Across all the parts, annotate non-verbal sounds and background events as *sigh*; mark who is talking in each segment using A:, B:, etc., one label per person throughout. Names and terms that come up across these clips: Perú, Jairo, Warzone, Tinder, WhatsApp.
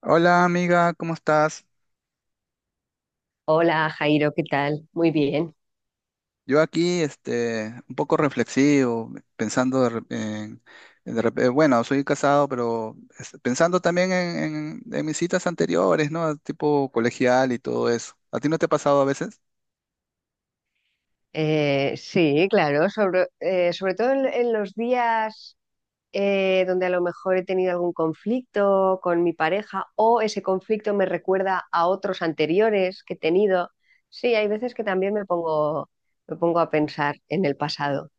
A: Hola amiga, ¿cómo estás?
B: Hola Jairo, ¿qué tal? Muy bien.
A: Yo aquí, un poco reflexivo, pensando de rep- en, de rep- bueno, soy casado, pero pensando también en mis citas anteriores, ¿no? Tipo colegial y todo eso. ¿A ti no te ha pasado a veces?
B: Sí, claro, sobre, sobre todo en los días donde a lo mejor he tenido algún conflicto con mi pareja o ese conflicto me recuerda a otros anteriores que he tenido. Sí, hay veces que también me pongo a pensar en el pasado.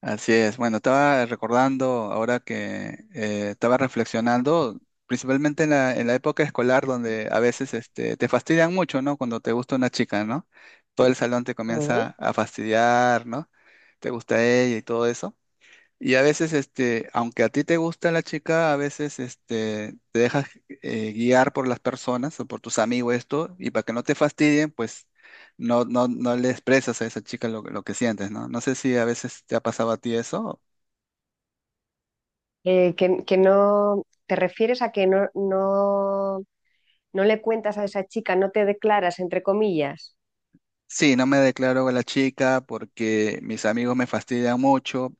A: Así es. Bueno, estaba recordando ahora que estaba reflexionando, principalmente en la época escolar donde a veces te fastidian mucho, ¿no? Cuando te gusta una chica, ¿no? Todo el salón te comienza
B: Ujú.
A: a fastidiar, ¿no? Te gusta ella y todo eso. Y a veces, aunque a ti te gusta la chica, a veces, te dejas guiar por las personas o por tus amigos esto, y para que no te fastidien, pues no, no, no le expresas a esa chica lo que sientes, ¿no? No sé si a veces te ha pasado a ti eso.
B: ¿Que no, ¿te refieres a que no, no, no le cuentas a esa chica, no te declaras, entre comillas?
A: Sí, no me declaro a la chica porque mis amigos me fastidian mucho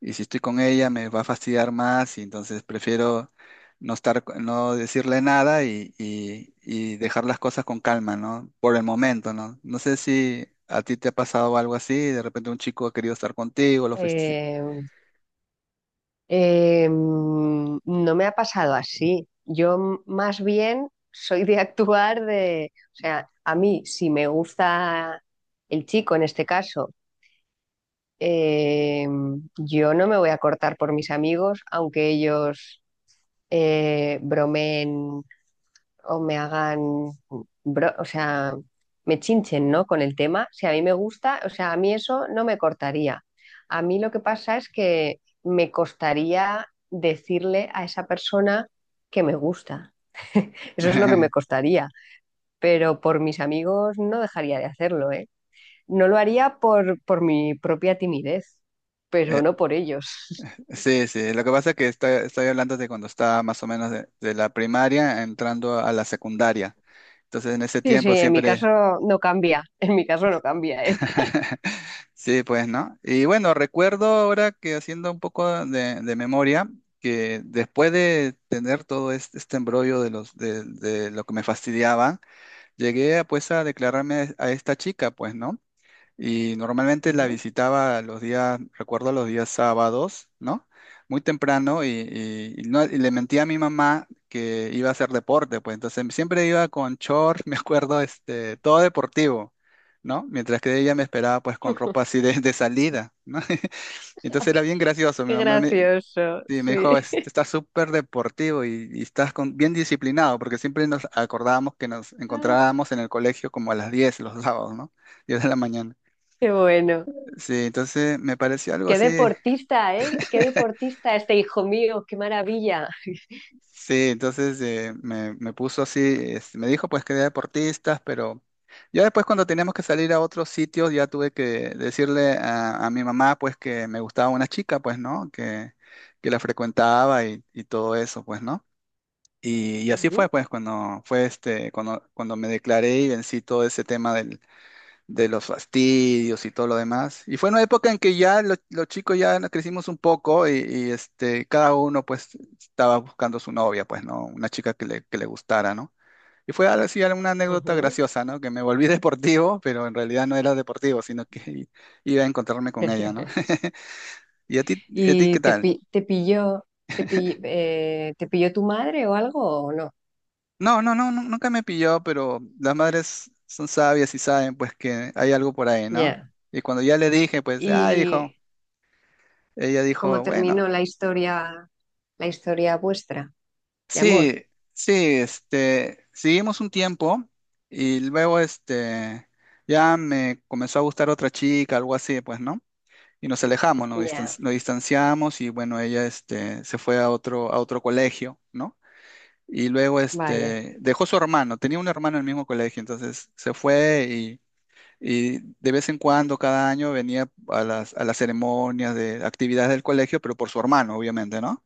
A: y si estoy con ella me va a fastidiar más y entonces prefiero no estar, no decirle nada y dejar las cosas con calma, ¿no? Por el momento, ¿no? No sé si a ti te ha pasado algo así, de repente un chico ha querido estar contigo, lo fuiste-
B: No me ha pasado así. Yo más bien soy de *laughs* actuar de, o sea, a mí si me gusta el chico en este caso, eh, yo no me voy a cortar por mis amigos, aunque ellos bromeen o me hagan, o sea, me chinchen, ¿no? Con el tema. Si a mí me gusta, o sea, a mí eso no me cortaría. A mí lo que pasa es que me costaría decirle a esa persona que me gusta. Eso es lo que me
A: *laughs*
B: costaría. Pero por mis amigos no dejaría de hacerlo, ¿eh? No lo haría por mi propia timidez,
A: Eh,
B: pero no por ellos. *laughs*
A: sí, sí, lo que pasa es que estoy hablando de cuando estaba más o menos de la primaria entrando a la secundaria. Entonces en ese
B: Sí, sí,
A: tiempo
B: en mi caso
A: siempre...
B: no cambia. En mi caso no cambia, ¿eh?
A: *laughs* Sí, pues, ¿no? Y bueno, recuerdo ahora que haciendo un poco de memoria, que después de tener todo este embrollo de lo que me fastidiaba, llegué a, pues a declararme a esta chica, pues, ¿no? Y normalmente la
B: Ujú.
A: visitaba recuerdo los días sábados, ¿no? Muy temprano y no- y le mentía a mi mamá que iba a hacer deporte, pues entonces siempre iba con short, *laughs* me acuerdo, todo deportivo, ¿no? Mientras que ella me esperaba pues con ropa
B: *laughs*
A: así de salida, ¿no? *laughs* Entonces era bien gracioso, mi
B: Qué
A: mamá me,
B: gracioso,
A: sí, me
B: sí.
A: dijo, "Estás súper deportivo y estás bien disciplinado, porque siempre nos acordábamos que nos
B: Ay,
A: encontrábamos en el colegio como a las 10 los sábados, ¿no? 10 de la mañana.
B: qué bueno.
A: Sí, entonces me pareció algo
B: Qué
A: así.
B: deportista, ¿eh? Qué deportista este hijo mío, qué maravilla.
A: Sí, entonces me puso así, me dijo pues que era deportistas, pero ya después cuando teníamos que salir a otros sitios ya tuve que decirle a mi mamá pues que me gustaba una chica pues, ¿no? Que la frecuentaba y todo eso pues, ¿no? Y así fue
B: Ujú,
A: pues cuando fue cuando me declaré y vencí todo ese tema de los fastidios y todo lo demás. Y fue una época en que ya los chicos ya nos crecimos un poco y cada uno pues estaba buscando su novia, pues, ¿no? Una chica que le gustara, ¿no? Y fue algo así una anécdota
B: ujú.
A: graciosa, ¿no? Que me volví *laughs* deportivo, pero en realidad no era deportivo, sino que *laughs* iba a encontrarme con ella, ¿no?
B: *laughs*
A: *laughs* ¿Y a ti
B: ¿Y
A: qué tal?
B: te pilló, te pilló tu madre o algo o no?
A: No, no, no, nunca me pilló, pero las madres son sabias y saben pues que hay algo por ahí, ¿no?
B: Ya.
A: Y cuando ya le dije, pues, ah, hijo,
B: ¿Y
A: ella
B: cómo
A: dijo, bueno.
B: terminó la historia vuestra de amor?
A: Sí, sí, seguimos un tiempo y luego, ya me comenzó a gustar otra chica, algo así, pues, ¿no? Y nos alejamos,
B: Ya,
A: nos distanciamos y bueno, ella, se fue a otro colegio, ¿no? Y luego,
B: vaya.
A: dejó su hermano, tenía un hermano en el mismo colegio, entonces se fue y de vez en cuando, cada año, venía a las ceremonias de actividades del colegio, pero por su hermano, obviamente, ¿no?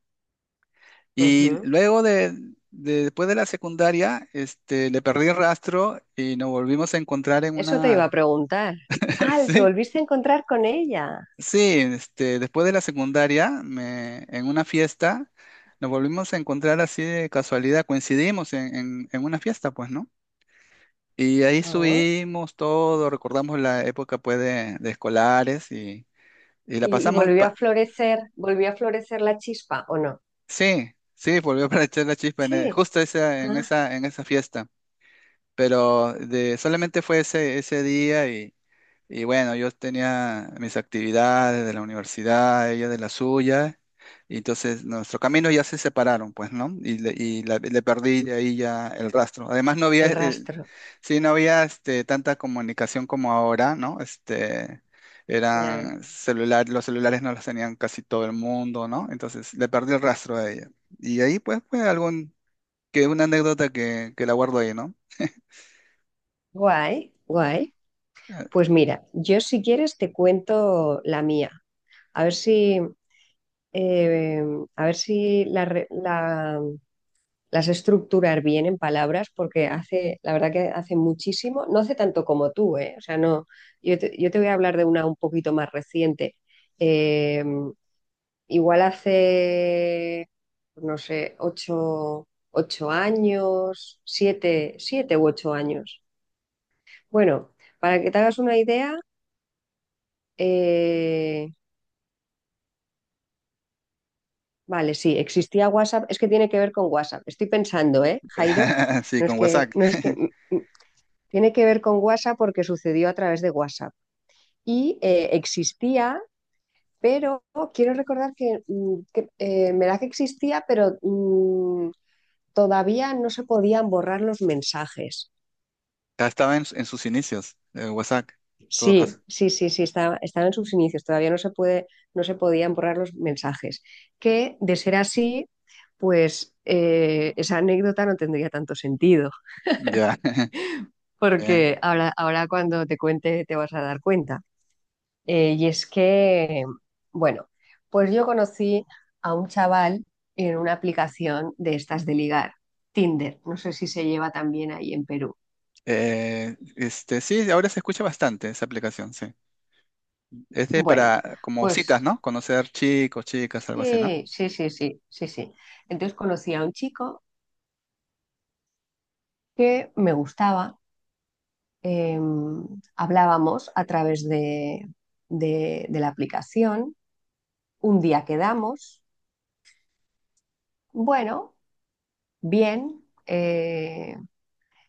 A: Y
B: Ujú.
A: luego después de la secundaria, le perdí el rastro y nos volvimos a encontrar en
B: Eso te iba a
A: una,
B: preguntar.
A: *laughs*
B: Ah, te
A: sí,
B: volviste a encontrar con ella.
A: sí, después de la secundaria, en una fiesta, nos volvimos a encontrar así de casualidad, coincidimos en una fiesta, pues, ¿no? Y ahí
B: Ah,
A: subimos todo, recordamos la época, pues, de escolares y la
B: ¿y, y
A: pasamos,
B: volvió a florecer la chispa o no?
A: sí, sí, volvió *laughs* para echar la chispa
B: Sí,
A: justo esa, en
B: ah,
A: esa, en esa fiesta. Pero de, solamente fue ese día y bueno, yo tenía mis actividades de la universidad, ella de la suya, y entonces nuestros caminos ya se separaron, pues, ¿no? Le perdí de ahí ya el rastro. Además, no había,
B: el rastro,
A: sí, no había tanta comunicación como ahora, ¿no? Este,
B: ya.
A: eran celular, los celulares no los tenían casi todo el mundo, ¿no? Entonces le perdí el rastro a ella. Y ahí, pues, fue algún, que una anécdota que la guardo ahí, ¿no?
B: Guay, guay. Pues mira, yo si quieres te cuento la mía. A ver eh, a ver si las estructurar bien en palabras, porque hace, la verdad que hace muchísimo, no hace tanto como tú, ¿eh? O sea, no, yo te voy a hablar de una un poquito más reciente. Eh, Igual hace, pues no sé, ocho, ocho años, siete, siete u ocho años. Bueno, para que te hagas una idea, eh, vale, sí, existía WhatsApp, es que tiene que ver con WhatsApp. Estoy pensando, ¿eh, Jairo?
A: *laughs* Sí,
B: No es
A: con WhatsApp.
B: que, no es que,
A: *laughs*
B: mm, mm, tiene que ver con WhatsApp porque sucedió a través de WhatsApp. Y existía, pero quiero recordar que me da que existía, pero... mm, todavía no se podían borrar los mensajes.
A: Ya estaba en sus inicios, WhatsApp, en todo caso.
B: Sí, sí, sí, sí, están en sus inicios, todavía no se puede, no se podían borrar los mensajes. Que de ser así, pues esa anécdota no tendría tanto sentido,
A: Ya. *laughs* Bien.
B: porque ahora, ahora cuando te cuente te vas a dar cuenta. Y es que, bueno, pues yo conocí a un chaval en una aplicación de estas de ligar, Tinder, no sé si se lleva también ahí en Perú.
A: Sí, ahora se escucha bastante esa aplicación, sí. Es de
B: Bueno,
A: para, como citas,
B: pues
A: ¿no? Conocer chicos, chicas, algo así, ¿no?
B: sí, sí, sí, sí, sí, sí. Entonces conocí a un chico que me gustaba. eh, Hablábamos a través de, de la aplicación. Un día quedamos, bueno, bien. Eh,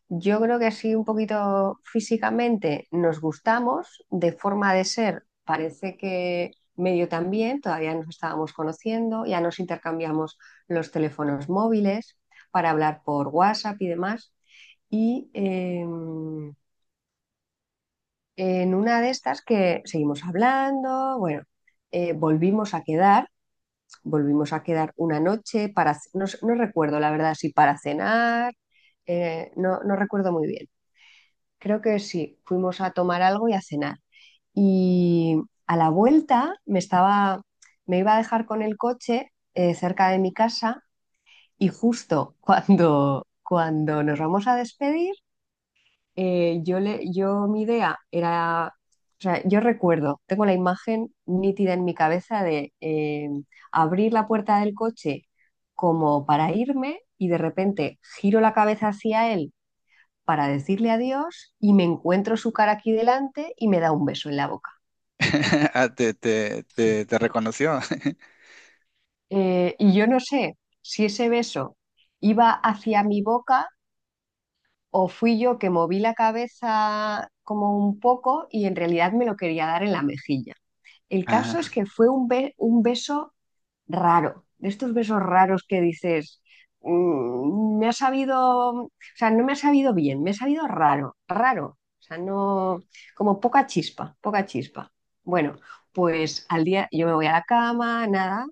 B: yo creo que sí, un poquito físicamente nos gustamos, de forma de ser parece que medio también, todavía nos estábamos conociendo, ya nos intercambiamos los teléfonos móviles para hablar por WhatsApp y demás. Y en una de estas que seguimos hablando, bueno, eh, volvimos a quedar, volvimos a quedar una noche para, ce- no, s- no recuerdo la verdad si para cenar, no, no recuerdo muy bien. Creo que sí, fuimos a tomar algo y a cenar. Y a la vuelta me estaba, me iba a dejar con el coche cerca de mi casa y justo *laughs* cuando, cuando nos vamos a despedir, yo mi idea era, o sea, yo recuerdo, tengo la imagen nítida en mi cabeza de abrir la puerta del coche como para irme y de repente giro la cabeza hacia él para decirle adiós y me encuentro su cara aquí delante y me da un beso en la boca.
A: *laughs* Ah, te, te,
B: Sí.
A: te, te reconoció.
B: Y yo no sé si ese beso iba hacia mi boca o fui yo que moví la cabeza como un poco y en realidad me lo quería dar en la mejilla. El
A: *laughs* Ajá.
B: caso es que fue un beso raro, de estos besos raros que dices, mm, me ha sabido, o sea, no me ha sabido bien, me ha sabido raro, raro, o sea, no, como poca chispa, poca chispa. Bueno, pues al día, yo me voy a la cama, nada,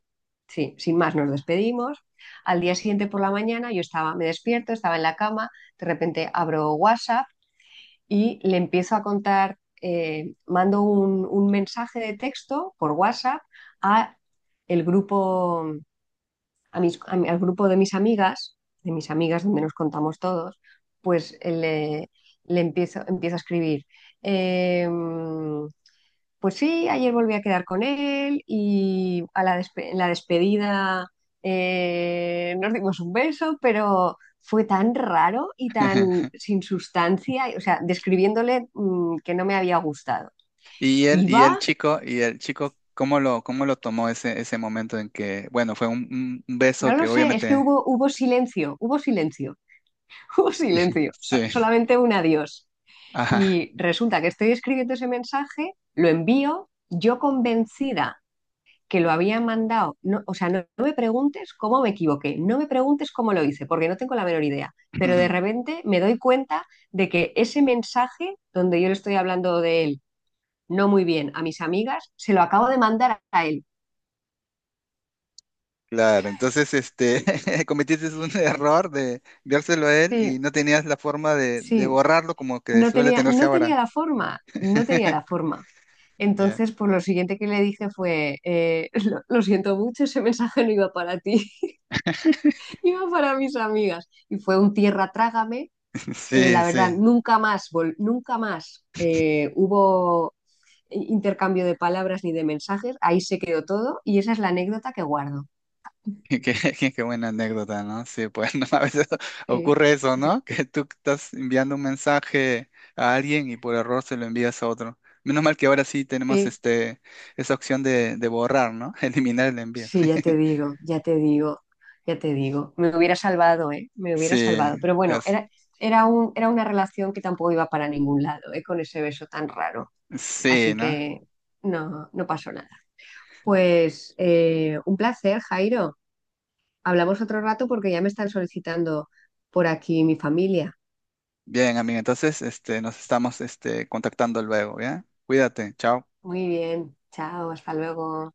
B: sí, sin más nos despedimos. Al día siguiente por la mañana me despierto, estaba en la cama, de repente abro WhatsApp y le empiezo a contar, mando un mensaje de texto por WhatsApp a el grupo a mis- a mi- al grupo de mis amigas donde nos contamos todos, pues eh, le, empiezo a escribir. em, pues sí, ayer volví a quedar con él y en la despedida nos dimos un beso, pero fue tan raro y tan
A: *laughs*
B: sin sustancia, o sea, describiéndole que no me había gustado.
A: Y el,
B: Y
A: y el
B: va,
A: chico, y el chico, ¿cómo lo tomó ese momento en que, bueno, fue un beso
B: no lo
A: que
B: sé, es que
A: obviamente,
B: hubo, hubo silencio, *laughs* hubo silencio,
A: *laughs* sí,
B: solamente un adiós.
A: ajá.
B: Y resulta que estoy escribiendo ese mensaje, lo envío, yo convencida que lo había mandado, no, o sea, no, no me preguntes cómo me equivoqué, no me preguntes cómo lo hice, porque no tengo la menor idea, pero de
A: *laughs*
B: repente me doy cuenta de que ese mensaje donde yo le estoy hablando de él no muy bien a mis amigas, se lo acabo de mandar a él.
A: Claro, entonces *laughs* cometiste un error de enviárselo a él y
B: Sí,
A: no tenías la forma de
B: sí,
A: borrarlo como que
B: no
A: suele
B: tenía,
A: tenerse
B: no tenía
A: ahora.
B: la forma, no tenía
A: *laughs*
B: la forma.
A: Ya.
B: Entonces, pues lo siguiente que le dije fue, *laughs* lo siento mucho, ese mensaje no iba para ti. Iba para mis amigas. Y fue un tierra trágame.
A: Sí,
B: La verdad,
A: sí.
B: nunca más hubo intercambio de palabras ni de mensajes. Ahí se quedó todo y esa es la anécdota que guardo.
A: *laughs* Qué, qué buena anécdota, ¿no? Sí, pues *laughs* ¿no? A veces *laughs*
B: Sí,
A: ocurre eso, ¿no? Que tú estás enviando un mensaje a alguien y por error se lo envías a otro. Menos mal que ahora sí tenemos
B: sí.
A: esa opción de borrar, ¿no? *laughs* Eliminar el envío.
B: Sí, ya te
A: *laughs*
B: digo, ya te digo, ya te digo. Me hubiera salvado, ¿eh? Me
A: Sí,
B: hubiera salvado. Pero bueno,
A: es-
B: era un, era una relación que tampoco iba para ningún lado, ¿eh? Con ese beso tan raro.
A: sí,
B: Así
A: ¿no?
B: que no, no pasó nada. Pues un placer, Jairo. Hablamos otro rato porque ya me están solicitando por aquí mi familia.
A: Bien, amigo, entonces nos estamos contactando luego, ¿ya? Cuídate, chao.
B: Muy bien, chao, hasta luego.